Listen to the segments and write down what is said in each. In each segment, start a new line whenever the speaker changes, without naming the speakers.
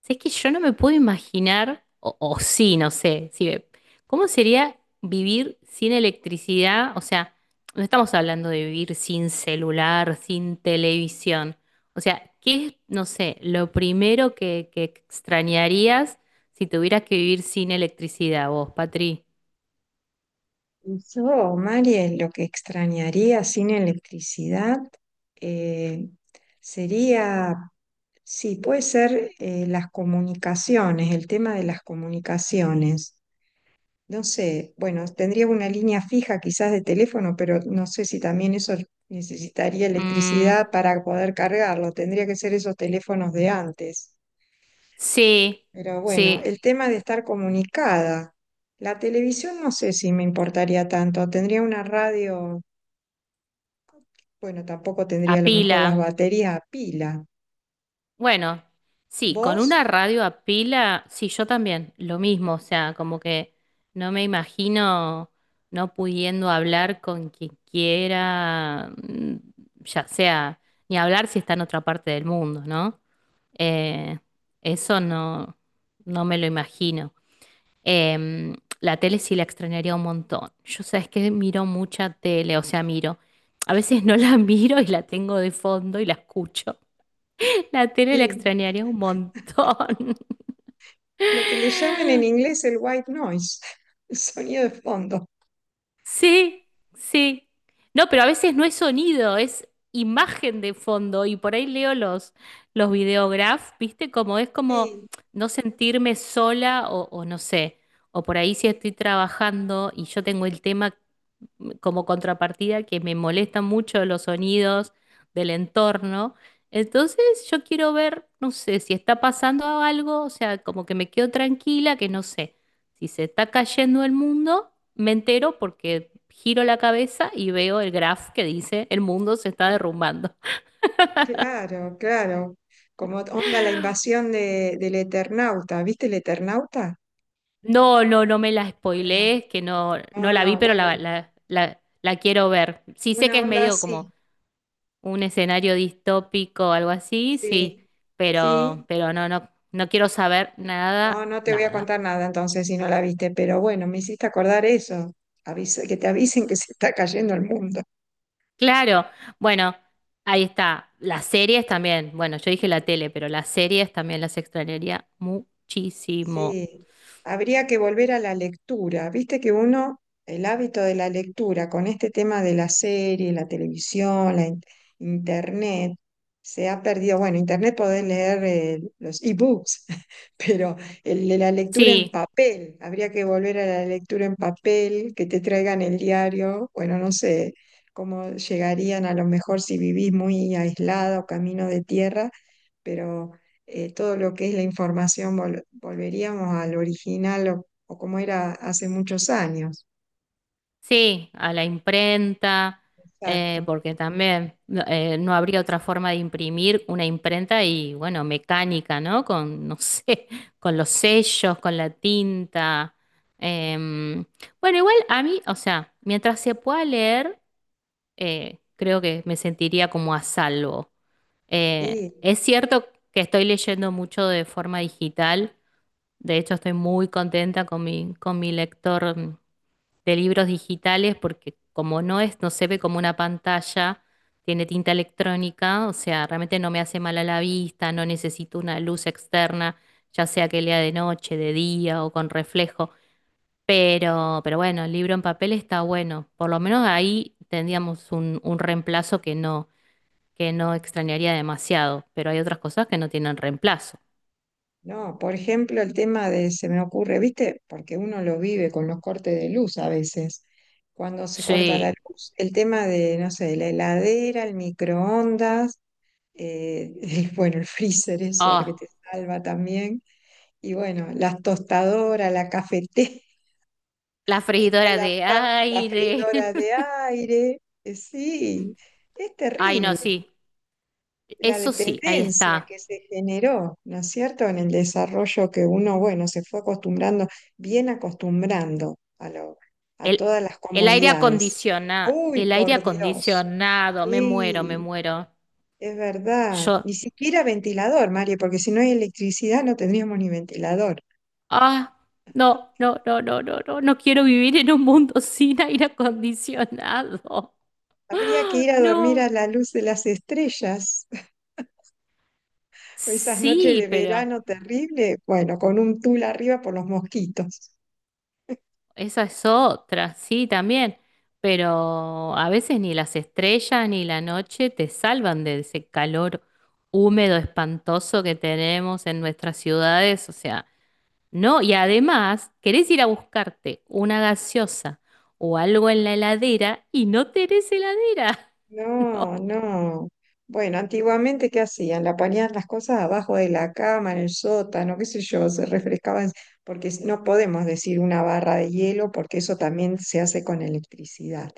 Si Es que yo no me puedo imaginar, o sí, no sé, sí, ve- ¿cómo sería vivir sin electricidad? O sea, no estamos hablando de vivir sin celular, sin televisión. O sea, ¿qué es, no sé, lo primero que extrañarías si tuvieras que vivir sin electricidad vos, Patri?
Yo, Mari, lo que extrañaría sin electricidad eh, sería, sí, puede ser las comunicaciones, el tema de las comunicaciones. No sé, bueno, tendría una línea fija quizás de teléfono, pero no sé si también eso necesitaría
Mm,
electricidad para poder cargarlo. Tendría que ser esos teléfonos de antes.
sí,
Pero bueno,
sí,
el tema de estar comunicada. La televisión no sé si me importaría tanto. Tendría una radio. Bueno, tampoco
a
tendría a lo mejor
pila.
las baterías a pila.
Bueno, sí, con una
¿Vos?
radio a pila, sí, yo también, lo mismo, o sea, como que no me imagino no pudiendo hablar con quien quiera, ya sea, ni hablar si está en otra parte del mundo, ¿no? Eh, eso no, no me lo imagino. Em, la tele sí la extrañaría un montón. Yo sabes que miro mucha tele, o sea, miro. A veces no la miro y la tengo de fondo y la escucho. La tele la
Sí.
extrañaría un montón.
Lo que le llaman en inglés el white noise, el sonido de fondo.
Sí, sí. No, pero a veces no es sonido, es imagen de fondo. Y por ahí leo los videograph, ¿viste? Como es como
Sí,
no sentirme sola o no sé. O por ahí si estoy trabajando y yo tengo el tema como contrapartida que me molestan mucho los sonidos del entorno. Entonces yo quiero ver, no sé, si está pasando algo, o sea, como que me quedo tranquila, que no sé, si se está cayendo el mundo, me entero porque giro la cabeza y veo el graph que dice el mundo se está
eh,
derrumbando.
claro, claro. Como onda la invasión del Eternauta. ¿Viste el Eternauta?
No, no, no me la
Bueno,
spoilees, que no, no
no,
la vi,
no,
pero
bueno,
la quiero ver. Sí sé que
una
es
onda
medio
así.
como un escenario distópico algo así, sí,
Sí, sí.
pero no, no, no quiero saber
No,
nada,
no te voy a
nada.
contar nada entonces si no la viste, pero bueno, me hiciste acordar eso. Avisa, que te avisen que se está cayendo el mundo.
Claro, bueno, ahí está. Las series también, bueno, yo dije la tele, pero las series también las extrañaría muchísimo.
Sí, habría que volver a la lectura. Viste que uno, el hábito de la lectura con este tema de la serie, la televisión, internet, se ha perdido. Bueno, internet podés leer los ebooks, pero el de la lectura en
Sí.
papel, habría que volver a la lectura en papel, que te traigan el diario. Bueno, no sé cómo llegarían a lo mejor si vivís muy aislado, camino de tierra, pero todo lo que es la información volveríamos al original o como era hace muchos años.
Sí, a la imprenta,
Exacto.
porque también no no habría otra forma de imprimir una imprenta y bueno, mecánica, ¿no? Con, no sé, con los sellos, con la tinta. Em, bueno, igual a mí, o sea, mientras se pueda leer, creo que me sentiría como a salvo.
Sí,
Es cierto que estoy leyendo mucho de forma digital, de hecho estoy muy contenta con con mi lector de libros digitales porque como no es, no se ve como una pantalla, tiene tinta electrónica, o sea, realmente no me hace mal a la vista, no necesito una luz externa, ya sea que lea de noche, de día o con reflejo. Pero bueno, el libro en papel está bueno. Por lo menos ahí tendríamos un reemplazo que no extrañaría demasiado. Pero hay otras cosas que no tienen reemplazo.
no, por ejemplo, el tema de, se me ocurre, ¿viste? Porque uno lo vive con los cortes de luz a veces. Cuando se corta la
Sí.
luz, el tema de, no sé, la heladera, el microondas, bueno, el freezer, eso, el que te
Oh,
salva también. Y bueno, las tostadoras, la cafetera.
la
Está
freidora de
la
aire.
freidora de aire, sí, es
Ay, no,
terrible
sí.
la
Eso sí, ahí
dependencia
está.
que se generó, ¿no es cierto? En el desarrollo que uno, bueno, se fue acostumbrando, bien acostumbrando a lo, a
El,
todas las comodidades. Uy,
el aire
por Dios,
acondicionado, me muero, me
sí,
muero.
es verdad.
Yo,
Ni siquiera ventilador, Mario, porque si no hay electricidad no tendríamos ni ventilador.
ah, no, no, no, no, no, no, no quiero vivir en un mundo sin aire acondicionado.
Habría que ir a dormir
No,
a la luz de las estrellas. Esas noches
sí,
de
pero
verano terrible, bueno, con un tul arriba por los mosquitos.
esa es otra, sí, también. Pero a veces ni las estrellas ni la noche te salvan de ese calor húmedo espantoso que tenemos en nuestras ciudades, o sea. No, y además, querés ir a buscarte una gaseosa o algo en la heladera y no tenés heladera.
No,
No,
no. Bueno, antiguamente, ¿qué hacían? La ponían las cosas abajo de la cama, en el sótano, qué sé yo, se refrescaban, porque no podemos decir una barra de hielo, porque eso también se hace con electricidad.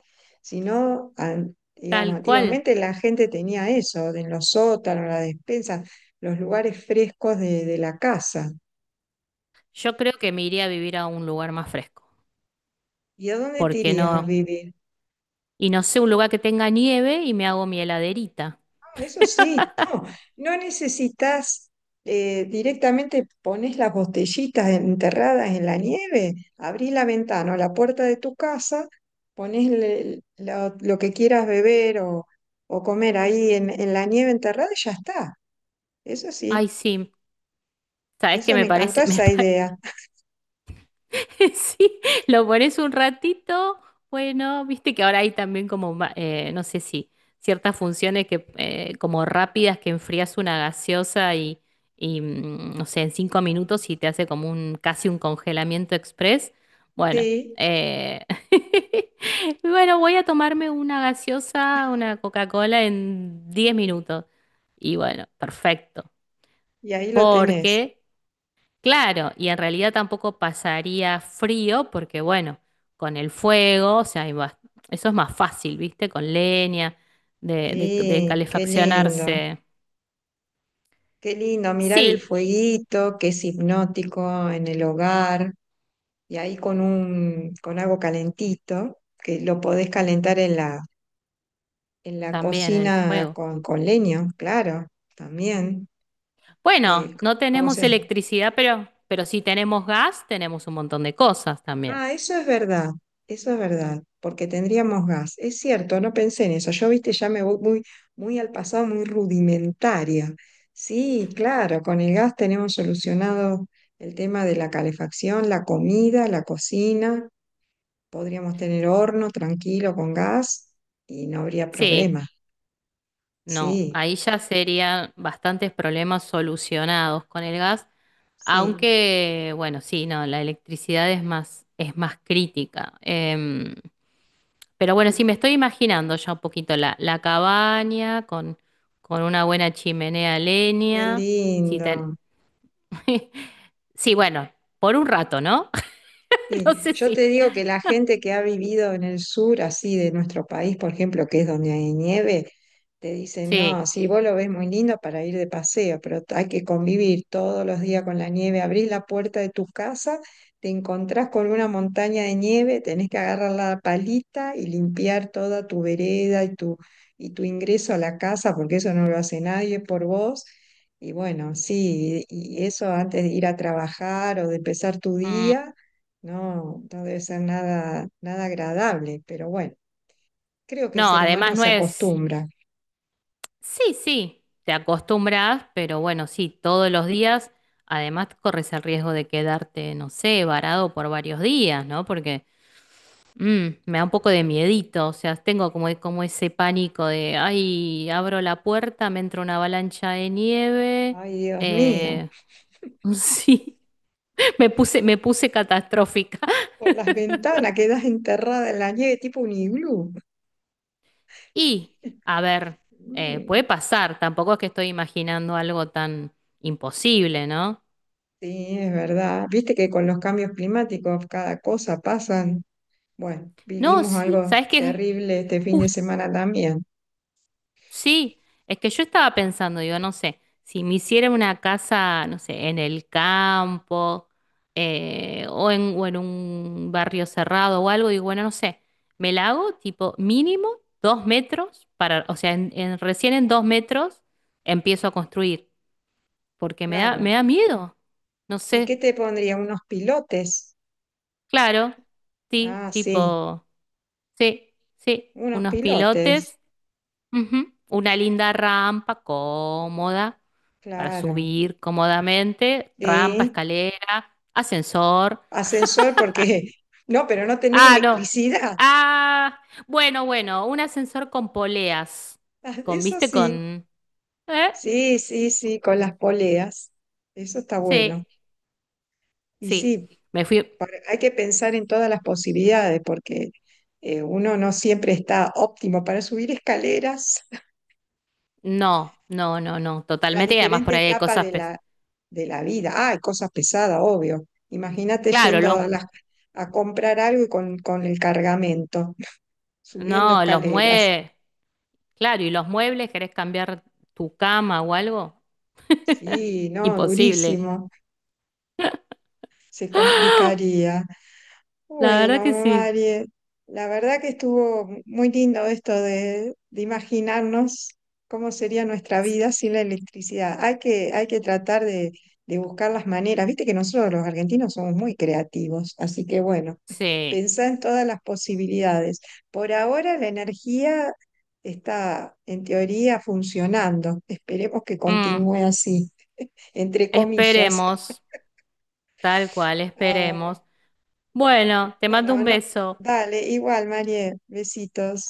Sino, digamos,
tal cual.
antiguamente la gente tenía eso, en los sótanos, las despensas, los lugares frescos de la casa.
Yo creo que me iría a vivir a un lugar más fresco.
¿Y a dónde te
Porque
irías a
no?
vivir?
Y no sé, un lugar que tenga nieve y me hago mi heladerita.
Eso sí, no, no necesitas directamente pones las botellitas enterradas en la nieve, abrís la ventana o la puerta de tu casa, pones lo que quieras beber o comer ahí en la nieve enterrada y ya está. Eso sí,
Ay, sí. ¿Sabes qué
eso
me
me encantó
parece? Me,
esa
pa-
idea.
sí, lo pones un ratito. Bueno, viste que ahora hay también como, ma- no sé si, ciertas funciones que, como rápidas que enfrías una gaseosa y, mm, no sé, en 5 minutos y te hace como un, casi un congelamiento express. Bueno,
Sí,
eh, bueno, voy a tomarme una gaseosa, una Coca-Cola en 10 minutos. Y bueno, perfecto.
y ahí lo tenés.
Porque claro, y en realidad tampoco pasaría frío porque, bueno, con el fuego, o sea, hay bas- eso es más fácil, ¿viste? Con leña, de
Sí,
calefaccionarse.
qué lindo mirar el
Sí,
fueguito que es hipnótico en el hogar. Y ahí con un, con algo calentito, que lo podés calentar en la
también el
cocina
fuego.
con leño, claro, también.
Bueno,
Eh,
no
¿Cómo
tenemos
se?
electricidad, pero si tenemos gas, tenemos un montón de cosas también.
Ah, eso es verdad, porque tendríamos gas. Es cierto, no pensé en eso. Yo, viste, ya me voy muy, muy al pasado, muy rudimentaria. Sí, claro, con el gas tenemos solucionado el tema de la calefacción, la comida, la cocina. Podríamos tener horno tranquilo con gas y no habría
Sí,
problema.
no,
Sí,
ahí ya serían bastantes problemas solucionados con el gas.
sí.
Aunque, bueno, sí, no, la electricidad es más crítica. Pero bueno, sí
Y-
me estoy imaginando ya un poquito la cabaña con una buena chimenea a
Qué
leña. Sí,
lindo.
ten- sí, bueno, por un rato, ¿no? No
Sí.
sé
Yo te
si.
digo que la gente que ha vivido en el sur, así de nuestro país, por ejemplo, que es donde hay nieve, te dicen, no,
Sí.
sí, vos lo ves muy lindo para ir de paseo, pero hay que convivir todos los días con la nieve. Abrís la puerta de tu casa, te encontrás con una montaña de nieve, tenés que agarrar la palita y limpiar toda tu vereda y tu ingreso a la casa, porque eso no lo hace nadie por vos. Y bueno, sí, y eso antes de ir a trabajar o de empezar tu
Mm,
día, no, no debe ser nada, nada agradable, pero bueno, creo que el
no,
ser
además
humano
no
se
es.
acostumbra.
Sí, sí, te acostumbras, pero bueno, sí, todos los días. Además, corres el riesgo de quedarte, no sé, varado por varios días, ¿no? Porque mm, me da un poco de miedito, o sea, tengo como, como ese pánico de, ay, abro la puerta, me entra una avalancha de nieve.
Ay, Dios mío.
eh, sí,
Por,
me puse catastrófica.
por las ventanas quedas enterrada en la nieve tipo un iglú.
Y, a ver,
Mm,
puede pasar, tampoco es que estoy imaginando algo tan imposible, ¿no?
sí, es verdad. Viste que con los cambios climáticos cada cosa pasan. Bueno,
No,
vivimos
sí,
algo
¿sabes qué?
terrible este fin de
Jus-
semana también.
sí, es que yo estaba pensando, digo, no sé, si me hiciera una casa, no sé, en el campo o en un barrio cerrado o algo, digo, bueno, no sé, me la hago tipo mínimo 2 metros para, o sea, en- recién en 2 metros empiezo a construir, porque me
Claro.
da miedo, no
¿Y qué
sé,
te pondría? ¿Unos pilotes?
claro, sí,
Ah, sí,
tipo, sí, sí,
unos
unos
pilotes.
pilotes. Ujú. Una linda rampa cómoda para
Claro.
subir cómodamente. Rampa,
Sí.
escalera, ascensor.
Ascensor porque... No, pero no tenés
Ah, no.
electricidad.
Ah, bueno, bueno, un ascensor con poleas. Con,
Eso
¿viste?
sí.
Con... ¿Eh?
Sí, sí, sí, con las poleas. Eso está
Sí,
bueno. Y
sí.
sí,
Me fui...
hay que pensar en todas las posibilidades porque uno no siempre está óptimo para subir escaleras
No, no, no, no.
en las
Totalmente. Y además por
diferentes
ahí hay
etapas
cosas... pes-
de la vida. Ah, hay cosas pesadas, obvio. Imagínate
claro,
yendo
los...
a comprar algo y con el cargamento, subiendo
no, los
escaleras.
muebles... Claro, y los muebles, ¿querés cambiar tu cama o algo?
Sí, no,
Imposible.
durísimo. Se complicaría.
La verdad que
Bueno,
sí.
Marie, la verdad que estuvo muy lindo esto de imaginarnos cómo sería nuestra vida sin la electricidad. Hay que tratar de buscar las maneras. Viste que nosotros los argentinos somos muy creativos, así que bueno,
Sí.
pensá en todas las posibilidades. Por ahora la energía está en teoría funcionando. Esperemos que
Mm,
continúe así, entre comillas.
esperemos, tal cual,
Ah,
esperemos. Bueno, te mando un
bueno, no,
beso.
dale, igual, Marie, besitos.